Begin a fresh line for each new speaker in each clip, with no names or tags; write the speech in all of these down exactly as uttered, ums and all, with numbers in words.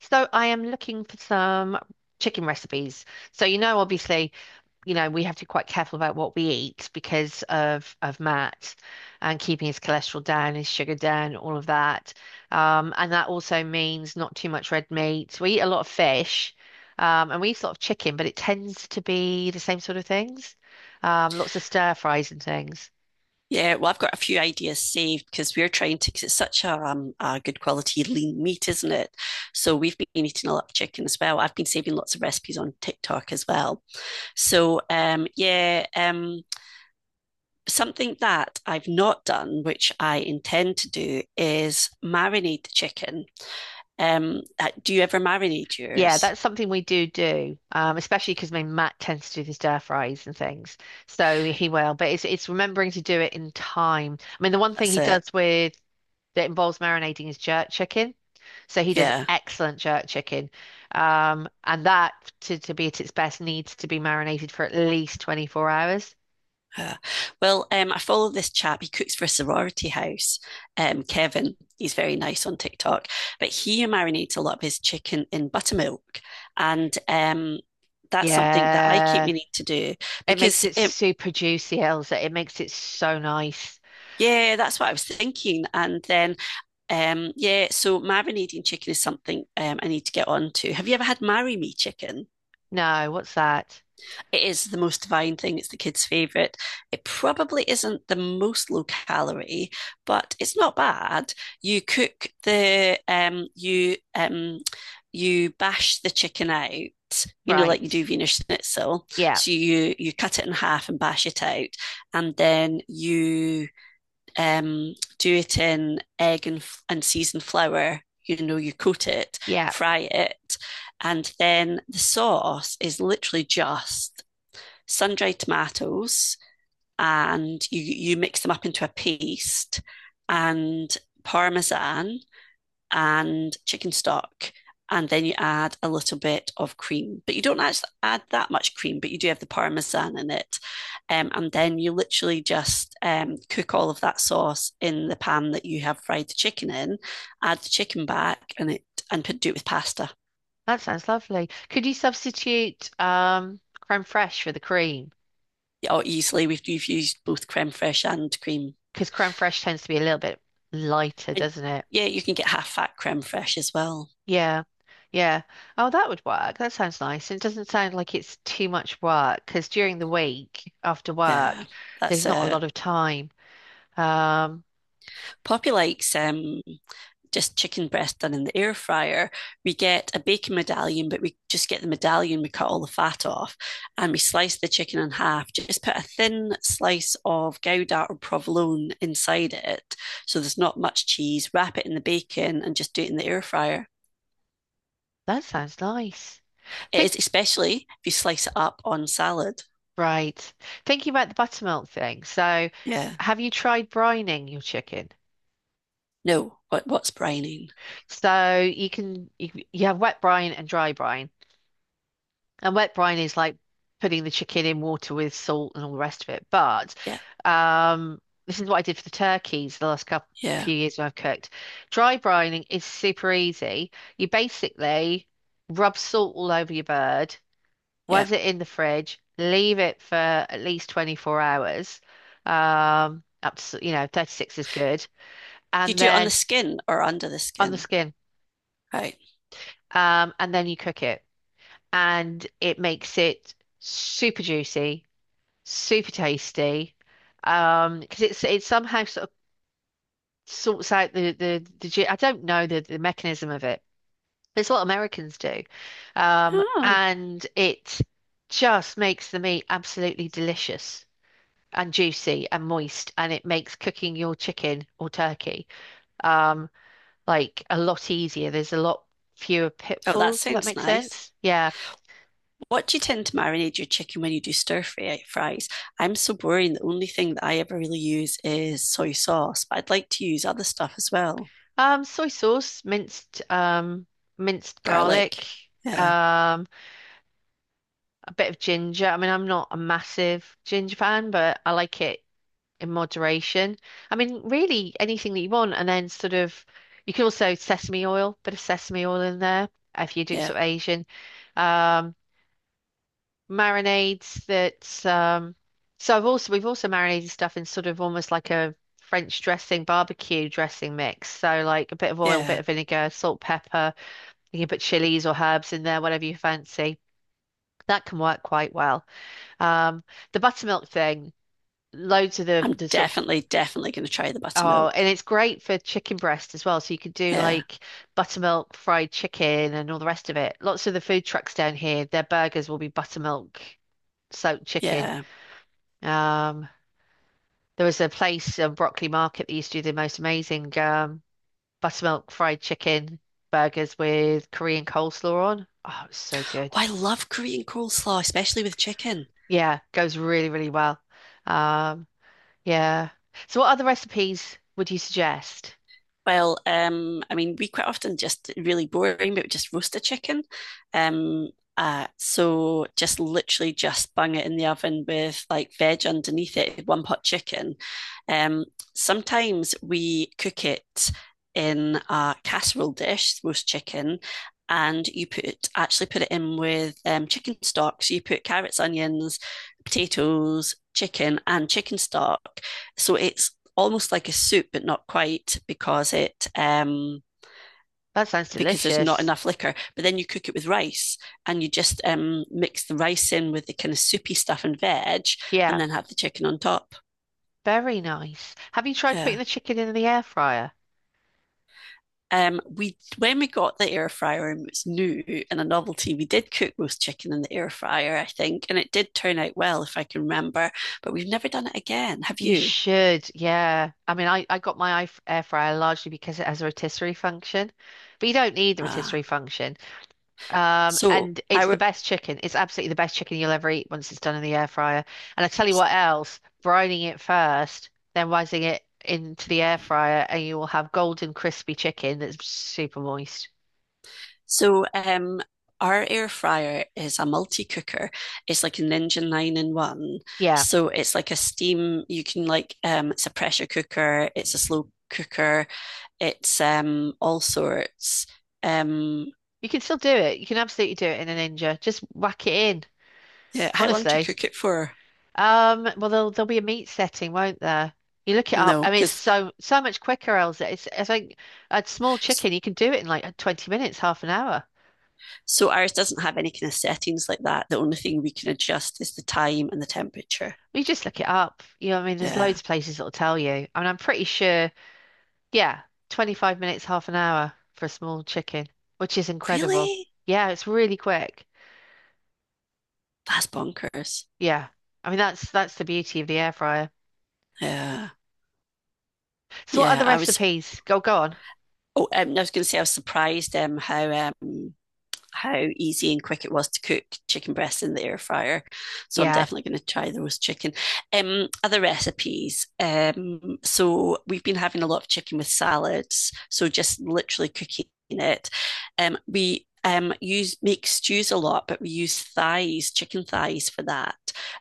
So I am looking for some chicken recipes. So you know, obviously, you know, we have to be quite careful about what we eat because of of Matt and keeping his cholesterol down, his sugar down, all of that. Um, and that also means not too much red meat. We eat a lot of fish, um, and we eat a lot of chicken, but it tends to be the same sort of things. Um, lots of stir fries and things.
Yeah, well, I've got a few ideas saved because we're trying to, because it's such a, um, a good quality lean meat, isn't it? So we've been eating a lot of chicken as well. I've been saving lots of recipes on TikTok as well. So, um, yeah, um, something that I've not done, which I intend to do, is marinate the chicken. Um, uh, do you ever marinate
Yeah,
yours?
that's something we do do, um, especially because my Matt tends to do the stir fries and things, so he will. But it's it's remembering to do it in time. I mean, the one thing
That's
he
it.
does with that involves marinating is jerk chicken, so he does
Yeah.
excellent jerk chicken, um, and that to to be at its best needs to be marinated for at least twenty-four hours.
Uh, well, um, I follow this chap. He cooks for a sorority house. Um, Kevin, he's very nice on TikTok, but he marinates a lot of his chicken in buttermilk, and um, that's something that I keep
Yeah,
meaning to do
it makes
because,
it
it,
super juicy, Elsa. It makes it so nice.
yeah, that's what I was thinking. And then, um, yeah, so marinating chicken is something um, I need to get on to. Have you ever had marry me chicken?
No, what's that?
It is the most divine thing. It's the kids' favorite. It probably isn't the most low calorie, but it's not bad. You cook the um you um you bash the chicken out, you know, like you do
Right.
Wiener Schnitzel.
Yeah.
So you you cut it in half and bash it out, and then you um do it in egg and and seasoned flour. You know, you coat it,
Yeah.
fry it, and then the sauce is literally just sun-dried tomatoes and you you mix them up into a paste and parmesan and chicken stock, and then you add a little bit of cream, but you don't actually add that much cream, but you do have the parmesan in it. Um, and then you literally just um, cook all of that sauce in the pan that you have fried the chicken in, add the chicken back, and it and do it with pasta.
That sounds lovely. Could you substitute um, crème fraiche for the cream?
Or easily, we've, we've used both creme fraiche and cream.
Because crème fraiche tends to be a little bit lighter,
And
doesn't it?
yeah, you can get half fat creme fraiche as well.
Yeah, yeah. Oh, that would work. That sounds nice. It doesn't sound like it's too much work because during the week after
Yeah,
work, there's
that's
not a
it.
lot of time. Um,
Poppy likes um, just chicken breast done in the air fryer. We get a bacon medallion, but we just get the medallion, we cut all the fat off, and we slice the chicken in half. Just put a thin slice of Gouda or provolone inside it, so there's not much cheese. Wrap it in the bacon and just do it in the air fryer.
that sounds nice.
It
Think
is, especially if you slice it up on salad.
right. Thinking about the buttermilk thing. So,
Yeah.
have you tried brining your chicken?
No, what, what's brining?
So you can you, you have wet brine and dry brine. And wet brine is like putting the chicken in water with salt and all the rest of it. But
Yeah,
um, this is what I did for the turkeys the last couple
yeah,
few years when I've cooked. Dry brining is super easy. You basically rub salt all over your bird,
yeah.
was it in the fridge, leave it for at least twenty-four hours. Um, up to, you know, thirty-six is good.
Do you
And
do it on the
then
skin or under the
on the
skin?
skin.
Right.
Um, and then you cook it. And it makes it super juicy super tasty. Um, because it's it somehow sort of sorts out the the the ge- I don't know the the mechanism of it. It's what Americans do, um,
Oh,
and it just makes the meat absolutely delicious and juicy and moist, and it makes cooking your chicken or turkey um like a lot easier. There's a lot fewer
oh, that
pitfalls, if that
sounds
makes
nice.
sense. Yeah.
What do you tend to marinate your chicken when you do stir fry fries? I'm so boring. The only thing that I ever really use is soy sauce, but I'd like to use other stuff as well.
Um, soy sauce, minced um minced
Garlic.
garlic.
Yeah,
Um, bit of ginger. I mean, I'm not a massive ginger fan, but I like it in moderation. I mean, really anything that you want, and then sort of you can also sesame oil, bit of sesame oil in there if you're doing
yeah,
sort of Asian. Um, marinades that um so I've also we've also marinated stuff in sort of almost like a French dressing, barbecue dressing mix. So like a bit of oil,
yeah.
bit of vinegar, salt, pepper. You can put chilies or herbs in there, whatever you fancy. That can work quite well. Um, the buttermilk thing, loads of the
I'm
the sort of
definitely, definitely going to try the
oh,
buttermilk.
and it's great for chicken breast as well. So you could do
Yeah,
like buttermilk fried chicken and all the rest of it. Lots of the food trucks down here, their burgers will be buttermilk soaked chicken.
yeah.
Um, there was a place on Broccoli Market that used to do the most amazing um, buttermilk fried chicken burgers with Korean coleslaw on. Oh, it was so
Oh,
good.
I love Korean coleslaw, especially with chicken.
Yeah, goes really, really well. Um, Yeah. So what other recipes would you suggest?
Well, um, I mean, we quite often just really boring, but we just roast a chicken. Um, uh, so just literally just bung it in the oven with like veg underneath it, one pot chicken. Um, Sometimes we cook it in a casserole dish, roast chicken, and you put actually put it in with um, chicken stock. So you put carrots, onions, potatoes, chicken, and chicken stock. So it's almost like a soup, but not quite, because it um,
That sounds
because there's not
delicious.
enough liquor. But then you cook it with rice, and you just um, mix the rice in with the kind of soupy stuff and veg, and
Yeah,
then have the chicken on top.
very nice. Have you tried putting
Yeah.
the chicken in the air fryer?
Um, we When we got the air fryer and it was new and a novelty, we did cook roast chicken in the air fryer, I think, and it did turn out well if I can remember. But we've never done it again. Have
You
you?
should, yeah. I mean, I, I got my air f- air fryer largely because it has a rotisserie function, but you don't need the
Uh,
rotisserie function. Um,
so
and it's the
I
best chicken. It's absolutely the best chicken you'll ever eat once it's done in the air fryer. And I tell you what else, brining it first, then rising it into the air fryer, and you will have golden crispy chicken that's super moist.
So, um, our air fryer is a multi cooker. It's like a Ninja nine in one.
Yeah,
So, it's like a steam, you can like, um, it's a pressure cooker, it's a slow cooker, it's um, all sorts. Um,
you can still do it. You can absolutely do it in a Ninja. Just whack it in,
yeah, how long do you
honestly.
cook it for?
Um, well, there'll there'll be a meat setting, won't there? You look it up.
No,
I mean, it's
because
so so much quicker, Elsa. It's it's like a small chicken. You can do it in like twenty minutes, half an hour.
so ours doesn't have any kind of settings like that. The only thing we can adjust is the time and the temperature.
You just look it up. You know, what I mean, there's
Yeah.
loads of places that'll tell you. I mean, I'm pretty sure. Yeah, twenty-five minutes, half an hour for a small chicken, which is incredible.
Really?
Yeah, it's really quick.
That's bonkers.
Yeah, I mean that's that's the beauty of the air fryer.
Yeah.
So, what
Yeah,
other
I was
recipes? Go go on.
Oh, um, I was going to say I was surprised um, how um, how easy and quick it was to cook chicken breasts in the air fryer. So I'm
Yeah.
definitely going to try the roast chicken. Um, other recipes. Um, so we've been having a lot of chicken with salads. So just literally cooking it. Um, we um, use make stews a lot, but we use thighs, chicken thighs for that,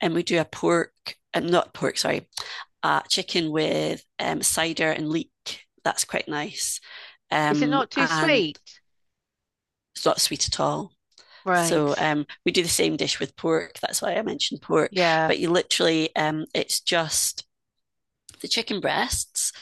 and we do a pork and not pork, sorry, uh, chicken with um, cider and leek. That's quite nice.
Is it
Um,
not too
and
sweet?
it's not sweet at all.
Right.
So um, we do the same dish with pork. That's why I mentioned pork.
Yeah.
But you literally, um, it's just the chicken breasts,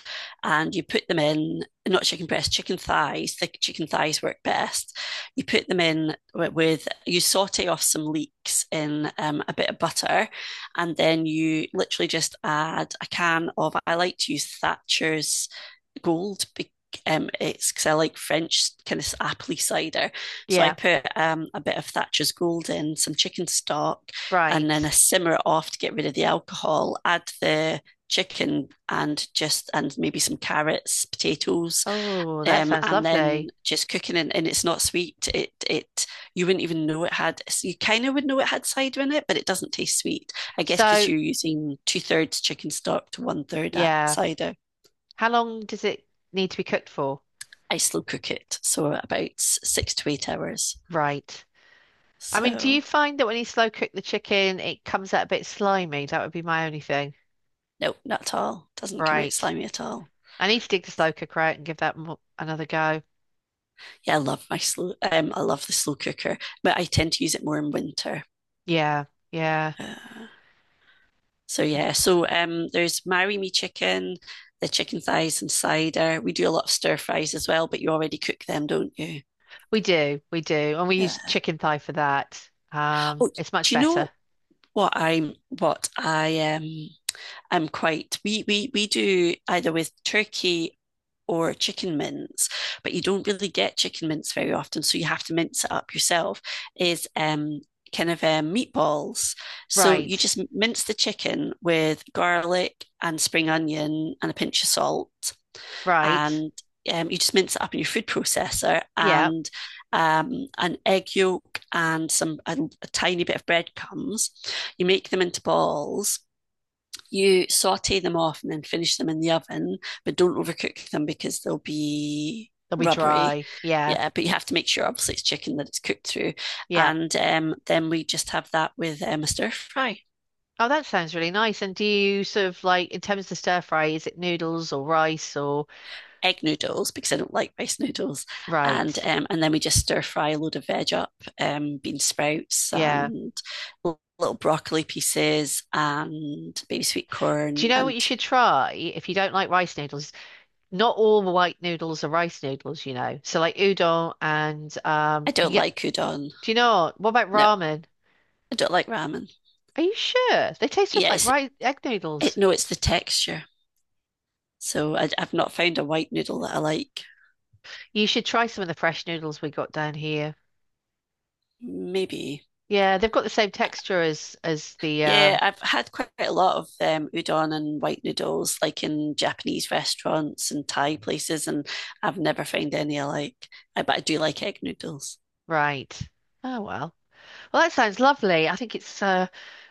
and you put them in, not chicken breasts, chicken thighs. The chicken thighs work best. You put them in with, with you saute off some leeks in um, a bit of butter. And then you literally just add a can of, I like to use Thatcher's gold. Be- um, it's because I like French kind of apple cider. So I
Yeah.
put um, a bit of Thatcher's Gold in, some chicken stock, and
Right.
then I simmer it off to get rid of the alcohol. Add the chicken, and just and maybe some carrots, potatoes,
Oh, that
um,
sounds
and then
lovely.
just cooking it. And it's not sweet. It it you wouldn't even know it had, you kind of would know it had cider in it, but it doesn't taste sweet. I guess because
So,
you're using two thirds chicken stock to one third
yeah.
cider.
How long does it need to be cooked for?
I slow cook it, so about six to eight hours.
Right. I mean, do you
So
find that when you slow cook the chicken, it comes out a bit slimy? That would be my only thing.
no, not at all. Doesn't come out
Right.
slimy at all.
I need to dig the slow cooker out and give that mo another go.
Yeah, I love my slow. Um, I love the slow cooker, but I tend to use it more in winter.
Yeah. Yeah.
Uh, so yeah, so um, there's marry me chicken, the chicken thighs and cider. We do a lot of stir fries as well, but you already cook them, don't you?
We do. We do. And we
Yeah.
use chicken thigh for that. Um,
Oh,
it's much
do you
better.
know what I'm? What I um I'm quite we we we do either with turkey or chicken mince, but you don't really get chicken mince very often, so you have to mince it up yourself. Is um kind of um, meatballs. So you
Right.
just mince the chicken with garlic and spring onion and a pinch of salt,
Right.
and um, you just mince it up in your food processor,
Yeah.
and um, an egg yolk and some a, a tiny bit of breadcrumbs. You make them into balls. You saute them off and then finish them in the oven, but don't overcook them because they'll be
They'll be
rubbery.
dry. Yeah.
Yeah, but you have to make sure, obviously, it's chicken, that it's cooked through.
Yeah.
And um, then we just have that with um, a stir fry,
Oh, that sounds really nice. And do you sort of like, in terms of stir fry, is it noodles or rice or
egg noodles, because I don't like rice noodles. And
right?
um, and then we just stir fry a load of veg up, um, bean sprouts
Yeah.
and little broccoli pieces and baby sweet
Do you
corn.
know what you
And
should try if you don't like rice noodles? Not all the white noodles are rice noodles, you know. So like udon and
I
um, you
don't
get.
like udon.
Do you know what about
No,
ramen?
I don't like ramen.
Are you sure? They taste just
Yeah,
like
it's,
rice egg
It,
noodles.
no, it's the texture. So I, I've not found a white noodle that I like.
You should try some of the fresh noodles we got down here.
Maybe.
Yeah, they've got the same texture as as the
Yeah,
um,
I've had quite a lot of um, udon and white noodles, like in Japanese restaurants and Thai places, and I've never found any I like. I, but I do like egg noodles.
right. Oh well. Well, that sounds lovely. I think it's uh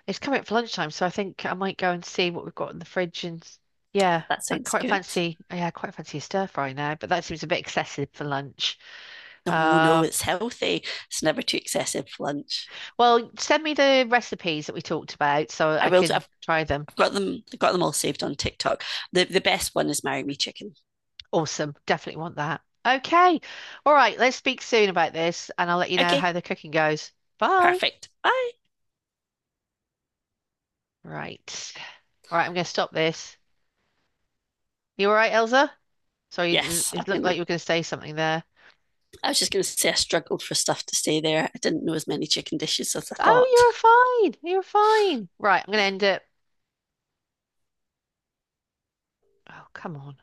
it's coming up for lunchtime, so I think I might go and see what we've got in the fridge and s- yeah,
That
I
sounds
quite
good.
fancy yeah, I quite fancy a stir fry now, but that seems a bit excessive for lunch.
No, no,
Um,
it's healthy. It's never too excessive for lunch.
well, send me the recipes that we talked about so
I
I
will. do-
can
I've,
try them.
I've got them. I've got them all saved on TikTok. The the best one is marry me chicken.
Awesome. Definitely want that. Okay. All right, let's speak soon about this and I'll let you know how
Okay,
the cooking goes. Bye.
perfect. Bye.
Right. All right, I'm going to stop this. You all right, Elsa? Sorry, it
Yes,
it
I'm
looked like
gonna.
you were going to say something there.
I was just going to say I struggled for stuff to stay there. I didn't know as many chicken dishes as I
Oh,
thought.
you're fine. You're fine. Right, I'm gonna end it. Oh, come on.